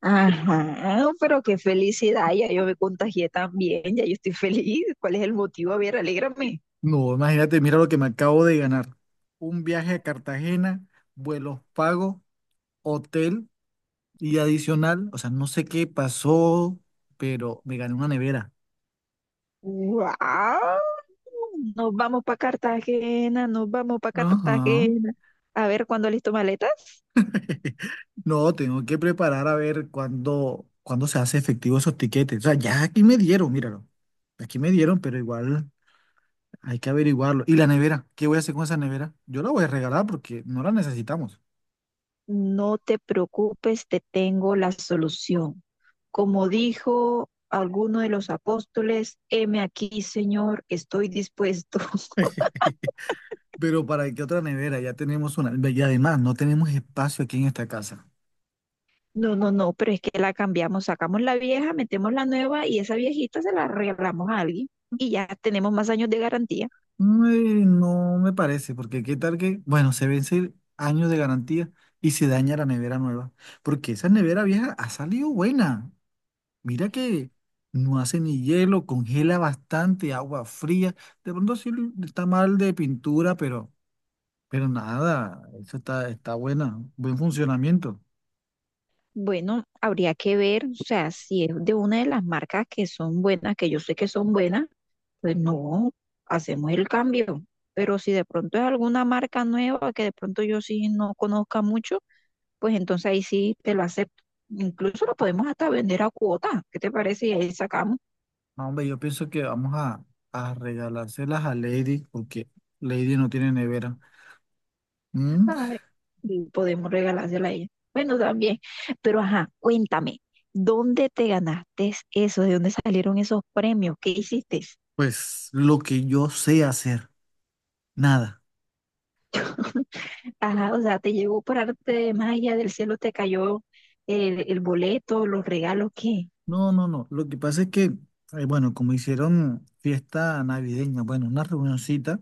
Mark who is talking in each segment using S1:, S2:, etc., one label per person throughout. S1: Ajá, pero qué felicidad, ya yo me contagié también, ya yo estoy feliz. ¿Cuál es el motivo? A ver, alégrame.
S2: No, imagínate, mira lo que me acabo de ganar. Un viaje a Cartagena, vuelos pagos, hotel y adicional, o sea, no sé qué pasó, pero me gané una nevera.
S1: ¡Wow! Nos vamos para Cartagena, nos vamos para
S2: Ajá.
S1: Cartagena. A ver, ¿cuándo listo maletas?
S2: No, tengo que preparar a ver cuándo se hace efectivo esos tiquetes. O sea, ya aquí me dieron, míralo. Aquí me dieron, pero igual hay que averiguarlo. ¿Y la nevera? ¿Qué voy a hacer con esa nevera? Yo la voy a regalar porque no la necesitamos.
S1: No te preocupes, te tengo la solución. Como dijo alguno de los apóstoles, heme aquí, Señor, estoy dispuesto.
S2: Pero ¿para qué otra nevera? Ya tenemos una. Y además, no tenemos espacio aquí en esta casa.
S1: No, no, no, pero es que la cambiamos, sacamos la vieja, metemos la nueva y esa viejita se la regalamos a alguien y ya tenemos más años de garantía.
S2: Mm, no me parece, porque qué tal que, bueno, se vence años de garantía y se daña la nevera nueva. Porque esa nevera vieja ha salido buena. Mira que no hace ni hielo, congela bastante, agua fría. De pronto sí está mal de pintura, pero, nada, eso está buena, buen funcionamiento.
S1: Bueno, habría que ver, o sea, si es de una de las marcas que son buenas, que yo sé que son buenas, pues no, hacemos el cambio. Pero si de pronto es alguna marca nueva que de pronto yo sí no conozca mucho, pues entonces ahí sí te lo acepto. Incluso lo podemos hasta vender a cuota, ¿qué te parece? Y ahí sacamos.
S2: No, hombre, yo pienso que vamos a regalárselas a Lady, porque Lady no tiene nevera. Mm.
S1: Ay, y podemos regalársela a ella. Bueno, también. Pero ajá, cuéntame, ¿dónde te ganaste eso? ¿De dónde salieron esos premios? ¿Qué hiciste?
S2: Pues lo que yo sé hacer, nada.
S1: Ajá, o sea, te llegó por arte de magia, del cielo te cayó el boleto, los regalos, ¿qué?
S2: No, no, no. Lo que pasa es que, bueno, como hicieron fiesta navideña, bueno, una reunioncita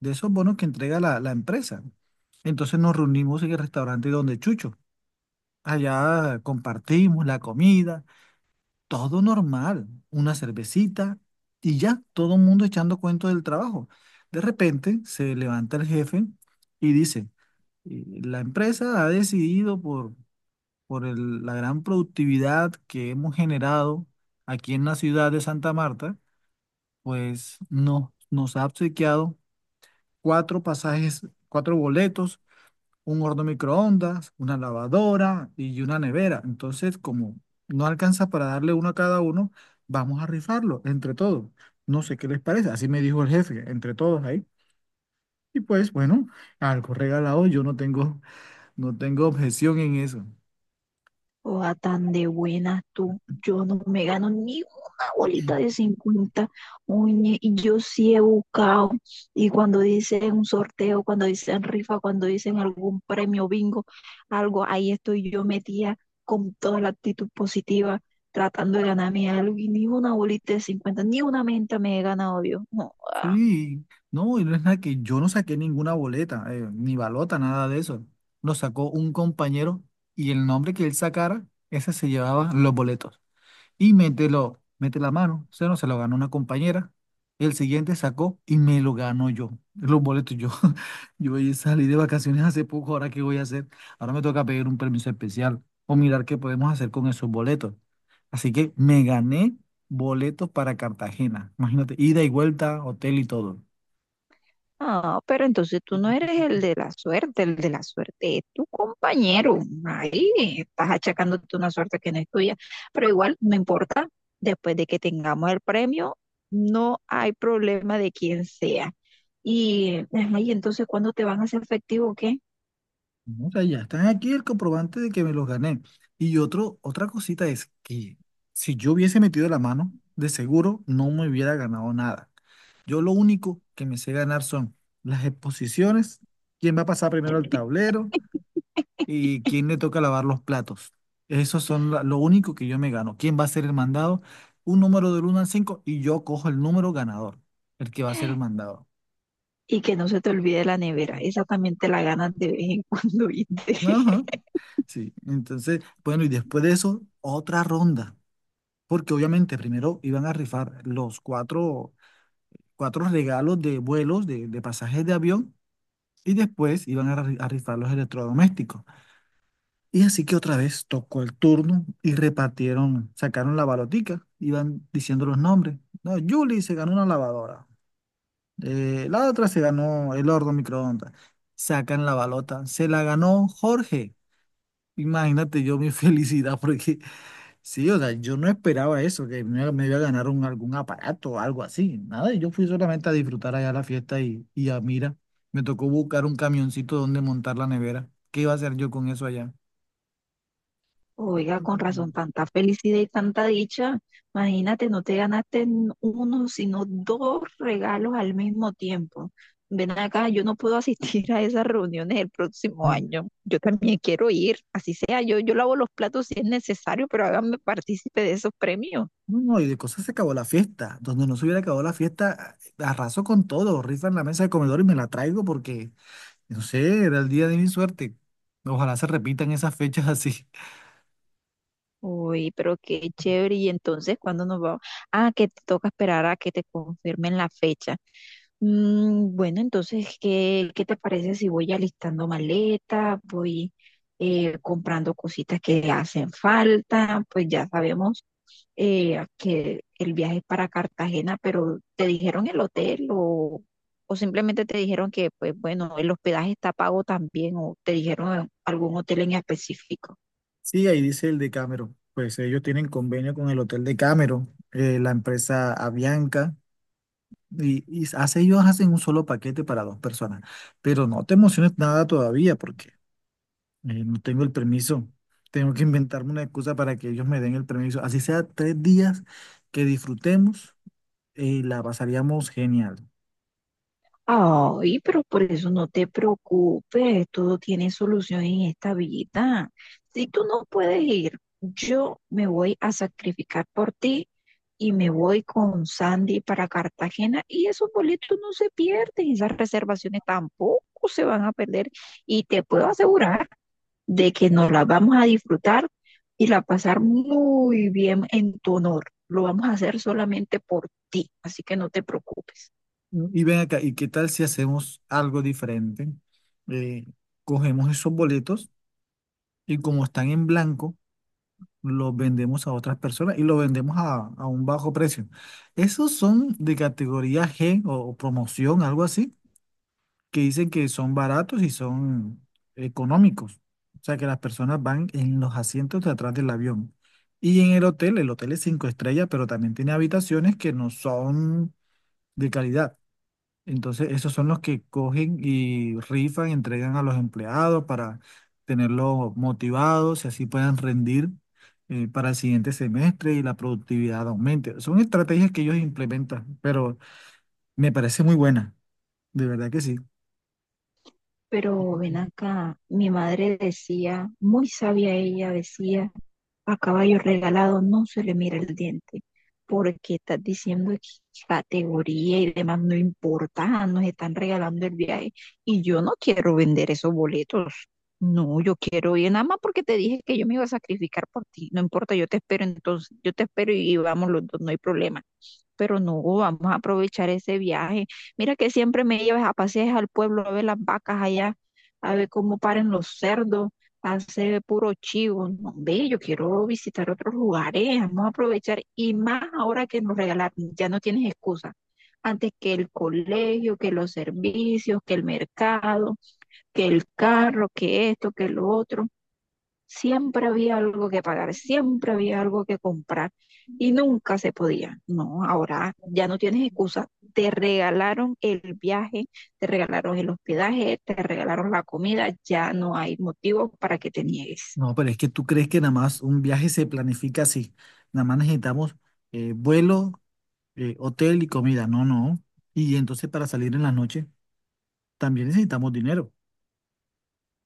S2: de esos bonos que entrega la empresa. Entonces nos reunimos en el restaurante donde Chucho. Allá compartimos la comida. Todo normal, una cervecita y ya, todo el mundo echando cuento del trabajo. De repente se levanta el jefe y dice: La empresa ha decidido por la gran productividad que hemos generado aquí en la ciudad de Santa Marta, pues no, nos ha obsequiado cuatro pasajes, cuatro boletos, un horno microondas, una lavadora y una nevera. Entonces, como no alcanza para darle uno a cada uno, vamos a rifarlo entre todos. No sé qué les parece", así me dijo el jefe, entre todos ahí. Y pues bueno, algo regalado, yo no tengo, no tengo objeción en eso.
S1: Oa tan de buena tú. Yo no me gano ni una bolita de 50. Oye, y yo sí he buscado. Y cuando dicen un sorteo, cuando dicen rifa, cuando dicen algún premio bingo, algo, ahí estoy yo metida con toda la actitud positiva, tratando de ganarme algo. Y ni una bolita de 50, ni una menta me he ganado yo. No, ah.
S2: Sí, no, y no es nada, que yo no saqué ninguna boleta, ni balota, nada de eso. Lo sacó un compañero y el nombre que él sacara, ese se llevaba los boletos. Y mételo mete la mano, se no se lo ganó una compañera, el siguiente sacó y me lo ganó yo, los boletos yo. Yo ya salí de vacaciones hace poco, ahora qué voy a hacer, ahora me toca pedir un permiso especial o mirar qué podemos hacer con esos boletos, así que me gané boletos para Cartagena, imagínate, ida y vuelta, hotel y todo.
S1: Ah, pero entonces tú no eres el de la suerte, el de la suerte es tu compañero. Ahí estás achacándote una suerte que no es tuya. Pero igual, no importa, después de que tengamos el premio, no hay problema de quién sea. Y ahí entonces, ¿cuándo te van a hacer efectivo o qué?
S2: No, o sea, ya están aquí el comprobante de que me los gané. Y otra cosita es que si yo hubiese metido la mano, de seguro no me hubiera ganado nada. Yo lo único que me sé ganar son las exposiciones, quién va a pasar primero al tablero y quién le toca lavar los platos. Esos son lo único que yo me gano. ¿Quién va a ser el mandado? Un número del uno al 5 y yo cojo el número ganador, el que va a ser el mandado.
S1: Y que no se te olvide la nevera. Esa también te la ganas de vez en cuando, ¿viste?
S2: Ajá. Sí, entonces, bueno, y después de eso, otra ronda, porque obviamente primero iban a rifar los cuatro, regalos de vuelos, de pasajes de avión, y después iban a rifar los electrodomésticos. Y así que otra vez tocó el turno y repartieron, sacaron la balotica, iban diciendo los nombres. No, Julie se ganó una lavadora, la otra se ganó el horno microondas. Sacan la balota, se la ganó Jorge. Imagínate yo mi felicidad, porque sí, o sea, yo no esperaba eso, que me iba a ganar algún aparato o algo así. Nada, yo fui solamente a disfrutar allá la fiesta y a mira, me tocó buscar un camioncito donde montar la nevera. ¿Qué iba a hacer yo con eso allá?
S1: Oiga, con razón, tanta felicidad y tanta dicha. Imagínate, no te ganaste uno, sino dos regalos al mismo tiempo. Ven acá, yo no puedo asistir a esas reuniones el próximo año. Yo también quiero ir, así sea, yo lavo los platos si es necesario, pero háganme partícipe de esos premios.
S2: No, no, y de cosas se acabó la fiesta. Donde no se hubiera acabado la fiesta, arraso con todo. Rifan la mesa de comedor y me la traigo porque, no sé, era el día de mi suerte. Ojalá se repitan esas fechas así.
S1: Uy, pero qué chévere. Y entonces, ¿cuándo nos vamos? Ah, que te toca esperar a que te confirmen la fecha. Mm, bueno, entonces, ¿qué te parece si voy alistando maletas, voy comprando cositas que hacen falta? Pues ya sabemos que el viaje es para Cartagena, pero ¿te dijeron el hotel o simplemente te dijeron que, pues bueno, el hospedaje está pago también o te dijeron algún hotel en específico?
S2: Sí, ahí dice el de Cameron. Pues ellos tienen convenio con el Hotel de Cameron, la empresa Avianca, y, y ellos hacen un solo paquete para dos personas. Pero no te emociones nada todavía. No tengo el permiso. Tengo que inventarme una excusa para que ellos me den el permiso. Así sea 3 días que disfrutemos y la pasaríamos genial.
S1: Ay, pero por eso no te preocupes, todo tiene solución en esta vida. Si tú no puedes ir, yo me voy a sacrificar por ti y me voy con Sandy para Cartagena y esos boletos no se pierden, esas reservaciones tampoco se van a perder y te puedo asegurar de que nos la vamos a disfrutar y la pasar muy bien en tu honor. Lo vamos a hacer solamente por ti, así que no te preocupes.
S2: ¿No? Y ven acá, ¿y qué tal si hacemos algo diferente? Eh, Cogemos esos boletos y, como están en blanco, los vendemos a otras personas y los vendemos a un bajo precio. Esos son de categoría G o promoción, algo así, que dicen que son baratos y son económicos. O sea, que las personas van en los asientos de atrás del avión. Y en el hotel es 5 estrellas, pero también tiene habitaciones que no son de calidad. Entonces, esos son los que cogen y rifan, entregan a los empleados para tenerlos motivados y así puedan rendir para el siguiente semestre y la productividad aumente. Son estrategias que ellos implementan, pero me parece muy buena, de verdad que sí.
S1: Pero ven acá, mi madre decía, muy sabia ella, decía: a caballo regalado no se le mira el diente, porque estás diciendo que categoría y demás no importa, nos están regalando el viaje y yo no quiero vender esos boletos. No, yo quiero ir nada más porque te dije que yo me iba a sacrificar por ti. No importa, yo te espero entonces, yo te espero y vamos los dos, no hay problema, pero no, vamos a aprovechar ese viaje. Mira que siempre me llevas a pasear al pueblo a ver las vacas allá, a ver cómo paren los cerdos, hace puro chivo. No, ve, yo quiero visitar otros lugares, vamos a aprovechar y más ahora que nos regalaron, ya no tienes excusa. Antes que el colegio, que los servicios, que el mercado, que el carro, que esto, que lo otro. Siempre había algo que pagar, siempre había algo que comprar y nunca se podía. No, ahora ya no tienes excusa. Te regalaron el viaje, te regalaron el hospedaje, te regalaron la comida, ya no hay motivo para que te niegues.
S2: No, pero es que tú crees que nada más un viaje se planifica así. Nada más necesitamos vuelo, hotel y comida. No, no. Y entonces para salir en la noche también necesitamos dinero.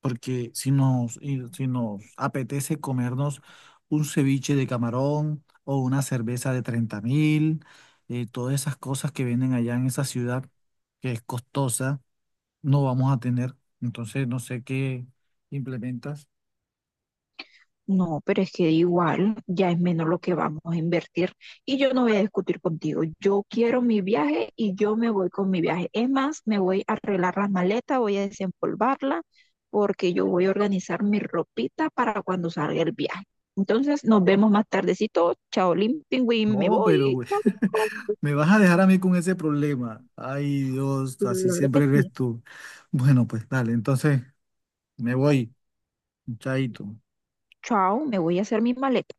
S2: Porque si nos apetece comernos un ceviche de camarón o una cerveza de 30.000, todas esas cosas que venden allá en esa ciudad, que es costosa, no vamos a tener. Entonces no sé qué implementas.
S1: No, pero es que igual ya es menos lo que vamos a invertir y yo no voy a discutir contigo. Yo quiero mi viaje y yo me voy con mi viaje. Es más, me voy a arreglar las maletas, voy a desempolvarla porque yo voy a organizar mi ropita para cuando salga el viaje. Entonces nos vemos más tardecito. Chao, Limpingüín, me
S2: No, pero
S1: voy.
S2: güey,
S1: Chao, chao.
S2: me vas a dejar a mí con ese problema. Ay, Dios, así
S1: Claro que
S2: siempre
S1: sí.
S2: eres tú. Bueno, pues dale, entonces me voy, chaito.
S1: Chao, me voy a hacer mi maleta.